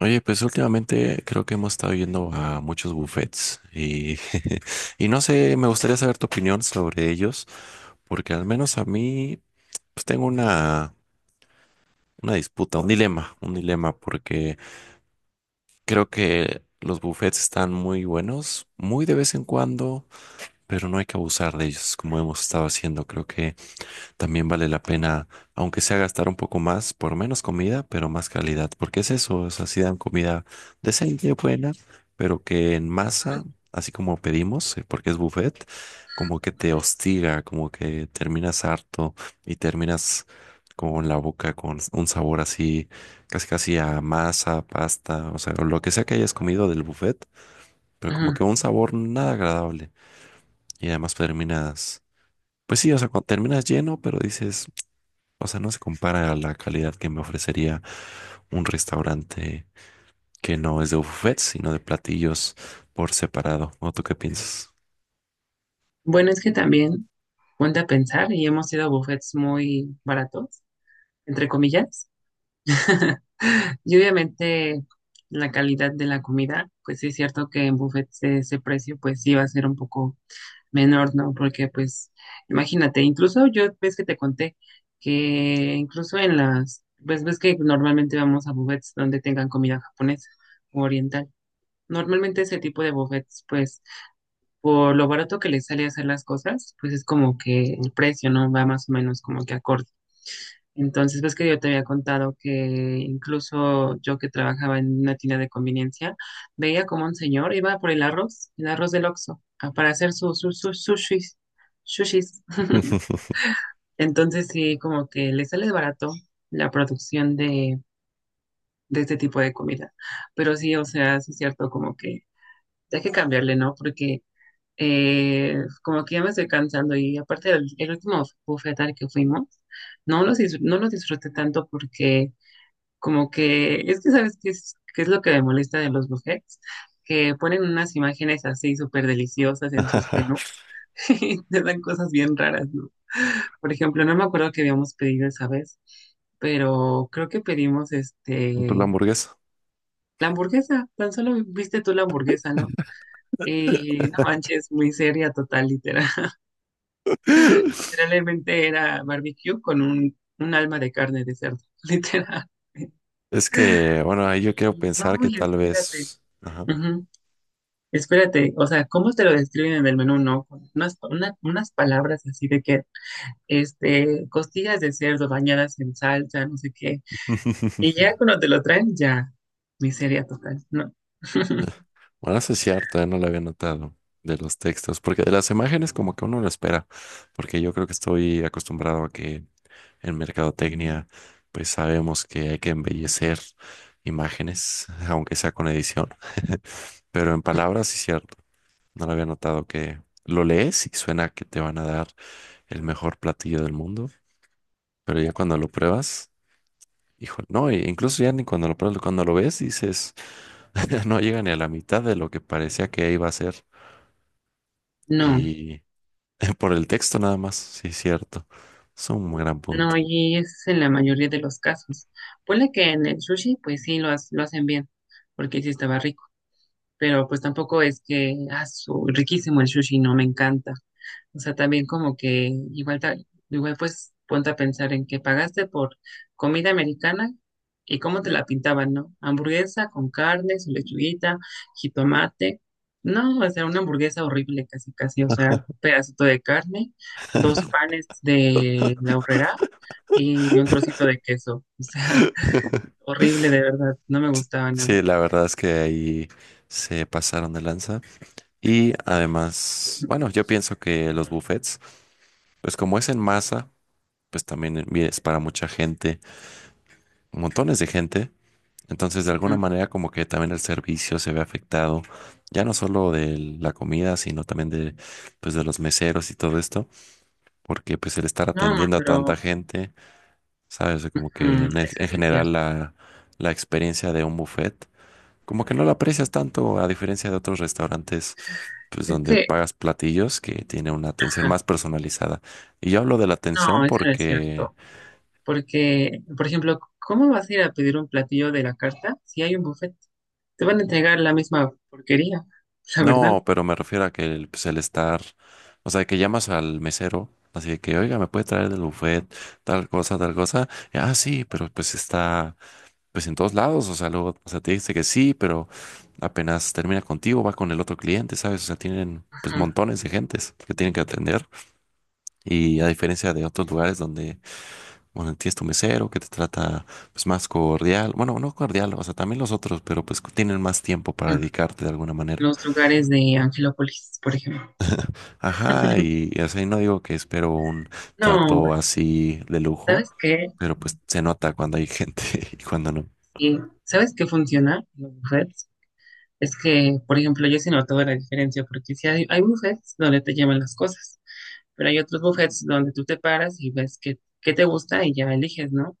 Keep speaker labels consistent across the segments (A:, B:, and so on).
A: Oye, pues últimamente creo que hemos estado yendo a muchos buffets y, y no sé, me gustaría saber tu opinión sobre ellos, porque al menos a mí pues tengo una disputa, un dilema, porque creo que los buffets están muy buenos, muy de vez en cuando, pero no hay que abusar de ellos como hemos estado haciendo. Creo que también vale la pena, aunque sea gastar un poco más, por menos comida, pero más calidad, porque es eso, o sea, sí dan comida decente, buena, pero que en masa, así como pedimos, porque es buffet, como que te hostiga, como que terminas harto y terminas con la boca con un sabor así, casi casi a masa, pasta, o sea, o lo que sea que hayas comido del buffet, pero
B: Ajá.
A: como que un sabor nada agradable y además terminas... Pues sí, o sea, cuando terminas lleno, pero dices, o sea, no se compara a la calidad que me ofrecería un restaurante que no es de buffet, sino de platillos por separado. ¿O tú qué piensas?
B: Bueno, es que también ponte a pensar y hemos ido a buffets muy baratos, entre comillas. Y obviamente la calidad de la comida, pues sí es cierto que en buffets ese precio pues sí va a ser un poco menor, ¿no? Porque pues imagínate, incluso yo ves que te conté que incluso en las, pues ves que normalmente vamos a buffets donde tengan comida japonesa o oriental. Normalmente ese tipo de buffets pues por lo barato que les sale hacer las cosas, pues es como que el precio no va más o menos como que acorde. Entonces, ves que yo te había contado que incluso yo que trabajaba en una tienda de conveniencia, veía como un señor iba por el arroz del Oxxo, para hacer sus sushis, sushis. Entonces, sí, como que le sale barato la producción de este tipo de comida. Pero sí, o sea, sí es cierto, como que hay que cambiarle, ¿no? Porque como que ya me estoy cansando y aparte el último buffet al que fuimos, no los disfruté tanto porque como que es que sabes qué es lo que me molesta de los buffets, que ponen unas imágenes así súper deliciosas en sus menús y te dan cosas bien raras, ¿no? Por ejemplo, no me acuerdo que habíamos pedido esa vez, pero creo que pedimos
A: Por la hamburguesa.
B: la hamburguesa, tan solo viste tú la hamburguesa, ¿no? Y no manches, muy seria, total, literal. Literalmente era barbecue con un alma de carne de cerdo, literal.
A: Es que, bueno, ahí yo quiero
B: Y no,
A: pensar que
B: y
A: tal
B: espérate.
A: vez... Ajá.
B: Ujú, espérate, o sea, ¿cómo te lo describen en el menú? No, con unas palabras así de que, costillas de cerdo bañadas en salsa, no sé qué. Y ya cuando te lo traen, ya, miseria total, no.
A: Bueno, eso es cierto, no lo había notado de los textos, porque de las imágenes como que uno lo espera, porque yo creo que estoy acostumbrado a que en mercadotecnia, pues sabemos que hay que embellecer imágenes, aunque sea con edición, pero en palabras sí cierto. No lo había notado que lo lees y suena que te van a dar el mejor platillo del mundo, pero ya cuando lo pruebas, hijo, no, e incluso ya ni cuando lo pruebas, cuando lo ves dices, no llega ni a la mitad de lo que parecía que iba a ser.
B: No,
A: Y por el texto nada más, sí cierto. Es un gran punto.
B: no, y es en la mayoría de los casos. Ponle que en el sushi, pues sí, lo hacen bien, porque sí estaba rico. Pero pues tampoco es que, ah, riquísimo el sushi, no me encanta. O sea, también como que igual pues ponte a pensar en que pagaste por comida americana y cómo te la pintaban, ¿no? Hamburguesa con carne, su lechuguita, jitomate. No, o sea, una hamburguesa horrible casi, casi, o sea, pedacito de carne, dos panes de la horrera y un trocito de queso. O sea, horrible de verdad, no me gustaba nada.
A: Sí, la verdad es que ahí se pasaron de lanza. Y además, bueno, yo pienso que los buffets, pues como es en masa, pues también es para mucha gente, montones de gente. Entonces, de alguna
B: Ujú.
A: manera, como que también el servicio se ve afectado, ya no solo de la comida, sino también de, pues, de los meseros y todo esto, porque pues el estar
B: No, amor,
A: atendiendo a tanta
B: pero
A: gente, sabes, como que
B: mm,
A: en, e-
B: eso
A: en
B: sí es
A: general
B: cierto.
A: la, la experiencia de un buffet, como que no la aprecias tanto a diferencia de otros restaurantes pues
B: Es
A: donde
B: que,
A: pagas platillos que tiene una atención
B: ajá,
A: más personalizada. Y yo hablo de la atención
B: no, eso no es
A: porque,
B: cierto. Porque, por ejemplo, ¿cómo vas a ir a pedir un platillo de la carta si hay un buffet? Te van a entregar la misma porquería, la verdad.
A: no, pero me refiero a que el, pues, el estar, o sea, que llamas al mesero, así de que, oiga, ¿me puede traer del buffet tal cosa, tal cosa? Y, ah, sí, pero pues está, pues en todos lados, o sea, luego, o sea, te dice que sí, pero apenas termina contigo, va con el otro cliente, ¿sabes? O sea, tienen... pues
B: Ajá,
A: montones de gentes que tienen que atender y a diferencia de otros lugares donde bueno, tienes tu mesero que te trata pues más cordial. Bueno, no cordial, o sea, también los otros, pero pues tienen más tiempo para
B: ajá.
A: dedicarte de alguna manera.
B: Los lugares de Angelópolis, por ejemplo.
A: Ajá, y así no digo que espero un
B: No,
A: trato así de lujo,
B: ¿sabes qué?
A: pero pues se nota cuando hay gente y cuando no.
B: Sí, ¿sabes qué funciona en los buffets? Es que, por ejemplo, yo sí he notado la diferencia, porque si hay, hay buffets donde te llevan las cosas, pero hay otros buffets donde tú te paras y ves qué, qué te gusta y ya eliges, ¿no?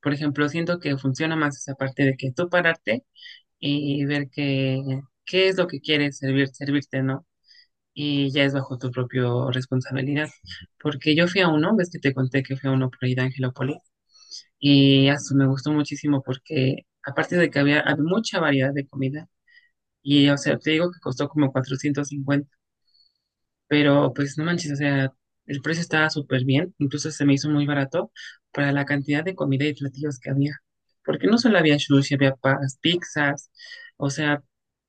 B: Por ejemplo, siento que funciona más esa parte de que tú pararte y ver qué qué es lo que quieres servir, servirte, ¿no? Y ya es bajo tu propia responsabilidad. Porque yo fui a uno, ves que te conté que fui a uno por ahí de Angelópolis, y eso me gustó muchísimo porque aparte de que había mucha variedad de comida, y o sea, te digo que costó como 450. Pero pues no manches, o sea, el precio estaba súper bien, incluso se me hizo muy barato para la cantidad de comida y platillos que había. Porque no solo había sushi, había pizzas, o sea,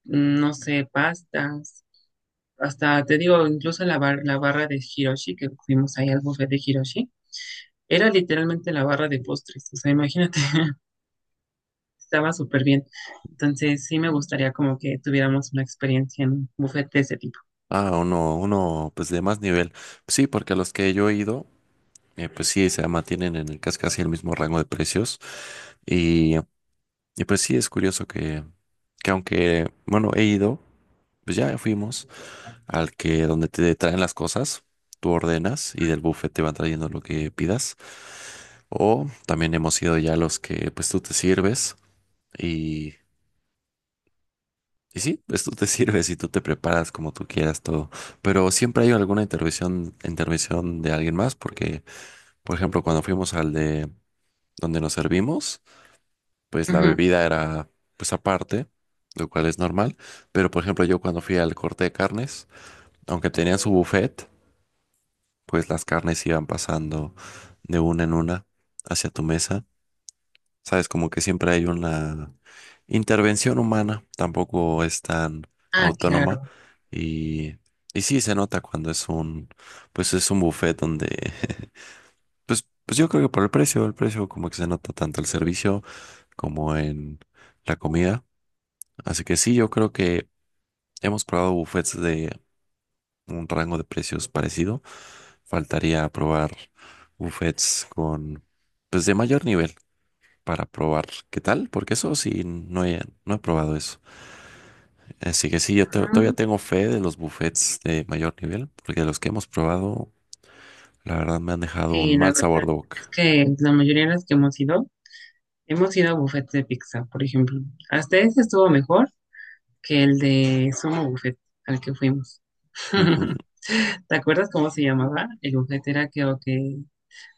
B: mm, no sé, pastas, hasta te digo, incluso la barra de Hiroshi, que fuimos ahí al buffet de Hiroshi, era literalmente la barra de postres, o sea, imagínate, estaba súper bien. Entonces sí me gustaría como que tuviéramos una experiencia en un buffet de ese tipo.
A: Ah, uno, pues de más nivel. Sí, porque a los que yo he ido, pues sí, se mantienen en el casi casi el mismo rango de precios. Y, y pues sí, es curioso que aunque, bueno, he ido, pues ya fuimos al que donde te traen las cosas, tú ordenas y del buffet te van trayendo lo que pidas. O también hemos ido ya a los que pues tú te sirves y, y sí, pues tú te sirves y tú te preparas como tú quieras todo. Pero siempre hay alguna intervención de alguien más porque, por ejemplo, cuando fuimos al de donde nos servimos, pues la
B: Ujú.
A: bebida era pues aparte, lo cual es normal. Pero, por ejemplo, yo cuando fui al corte de carnes, aunque tenían su buffet, pues las carnes iban pasando de una en una hacia tu mesa. Sabes, como que siempre hay una intervención humana, tampoco es tan
B: Ah,
A: autónoma
B: claro.
A: y, y sí se nota cuando es un, pues es un buffet donde, pues, pues yo creo que por el precio como que se nota tanto el servicio como en la comida. Así que sí, yo creo que hemos probado buffets de un rango de precios parecido. Faltaría probar buffets con, pues de mayor nivel para probar qué tal, porque eso sí, no he probado eso. Así que sí, yo todavía tengo fe de los buffets de mayor nivel, porque los que hemos probado, la verdad me han dejado un
B: Sí, la
A: mal
B: verdad
A: sabor de boca.
B: es que la mayoría de las que hemos ido a buffets de pizza, por ejemplo. Hasta ese estuvo mejor que el de Sumo Buffet al que fuimos. ¿Te acuerdas cómo se llamaba? El buffet era creo que...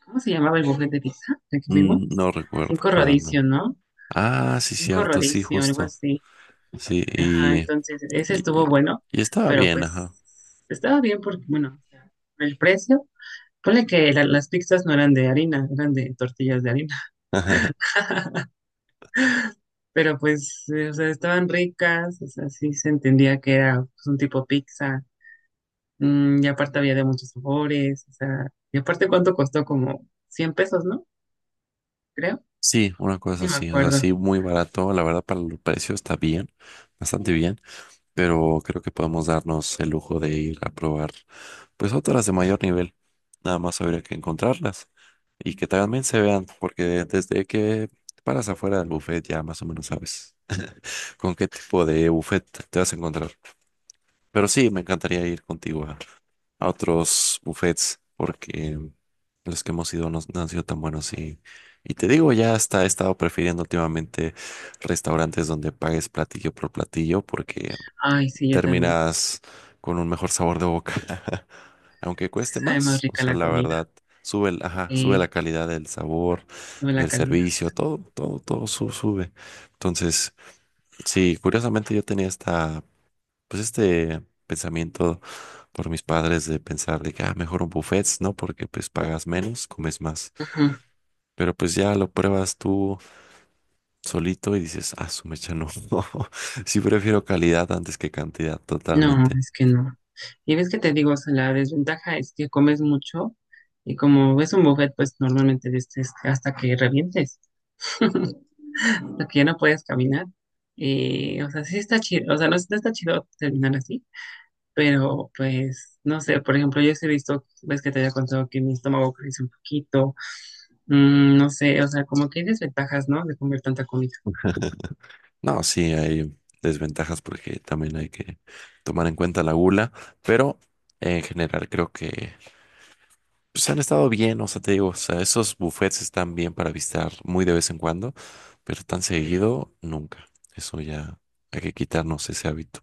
B: ¿Cómo se llamaba el buffet de pizza al que fuimos?
A: Mm, no recuerdo
B: Cinco
A: para nada.
B: rodicio, ¿no?
A: Ah, sí,
B: Cinco
A: cierto, sí,
B: rodicio algo
A: justo.
B: así.
A: Sí,
B: Ajá, entonces ese estuvo
A: y,
B: bueno,
A: y estaba
B: pero
A: bien,
B: pues
A: ajá.
B: estaba bien porque, bueno, o sea, el precio, ponle que las pizzas no eran de harina, eran de tortillas de harina. Pero pues, o sea, estaban ricas, o sea, sí se entendía que era pues, un tipo pizza, mm, y aparte había de muchos sabores, o sea, y aparte cuánto costó, como $100, ¿no? Creo,
A: Sí, una cosa
B: ni me
A: así, o sea,
B: acuerdo.
A: sí, muy barato, la verdad para el precio está bien, bastante bien, pero creo que podemos darnos el lujo de ir a probar pues otras de mayor nivel, nada más habría que encontrarlas y que también se vean, porque desde que paras afuera del buffet ya más o menos sabes con qué tipo de buffet te vas a encontrar. Pero sí, me encantaría ir contigo a otros buffets porque los que hemos ido no han sido tan buenos y te digo, ya hasta he estado prefiriendo últimamente restaurantes donde pagues platillo por platillo porque
B: Ay, sí, yo también.
A: terminas con un mejor sabor de boca, aunque
B: Es que
A: cueste
B: sabe más
A: más, o
B: rica
A: sea,
B: la
A: la
B: comida,
A: verdad. Sube, sube la
B: eh,
A: calidad del sabor,
B: no la
A: del
B: calidad.
A: servicio, todo, todo, todo sube. Entonces, sí, curiosamente yo tenía esta pues este pensamiento por mis padres de pensar de que, ah, mejor un buffet, ¿no? Porque pues pagas menos, comes más.
B: Ajá.
A: Pero pues ya lo pruebas tú solito y dices, ah, su mecha no. Sí prefiero calidad antes que cantidad,
B: No,
A: totalmente.
B: es que no. Y ves que te digo, o sea, la desventaja es que comes mucho y como es un buffet, pues normalmente es hasta que revientes. Porque ya no puedes caminar. Y, o sea, sí está chido, o sea, no, no está chido terminar así, pero pues, no sé, por ejemplo, yo sí he visto, ves que te había contado que mi estómago crece un poquito, mm, no sé, o sea, como que hay desventajas, ¿no? De comer tanta comida.
A: No, sí, hay desventajas porque también hay que tomar en cuenta la gula, pero en general creo que pues han estado bien, o sea, te digo, o sea, esos buffets están bien para visitar muy de vez en cuando, pero tan seguido nunca. Eso ya hay que quitarnos ese hábito.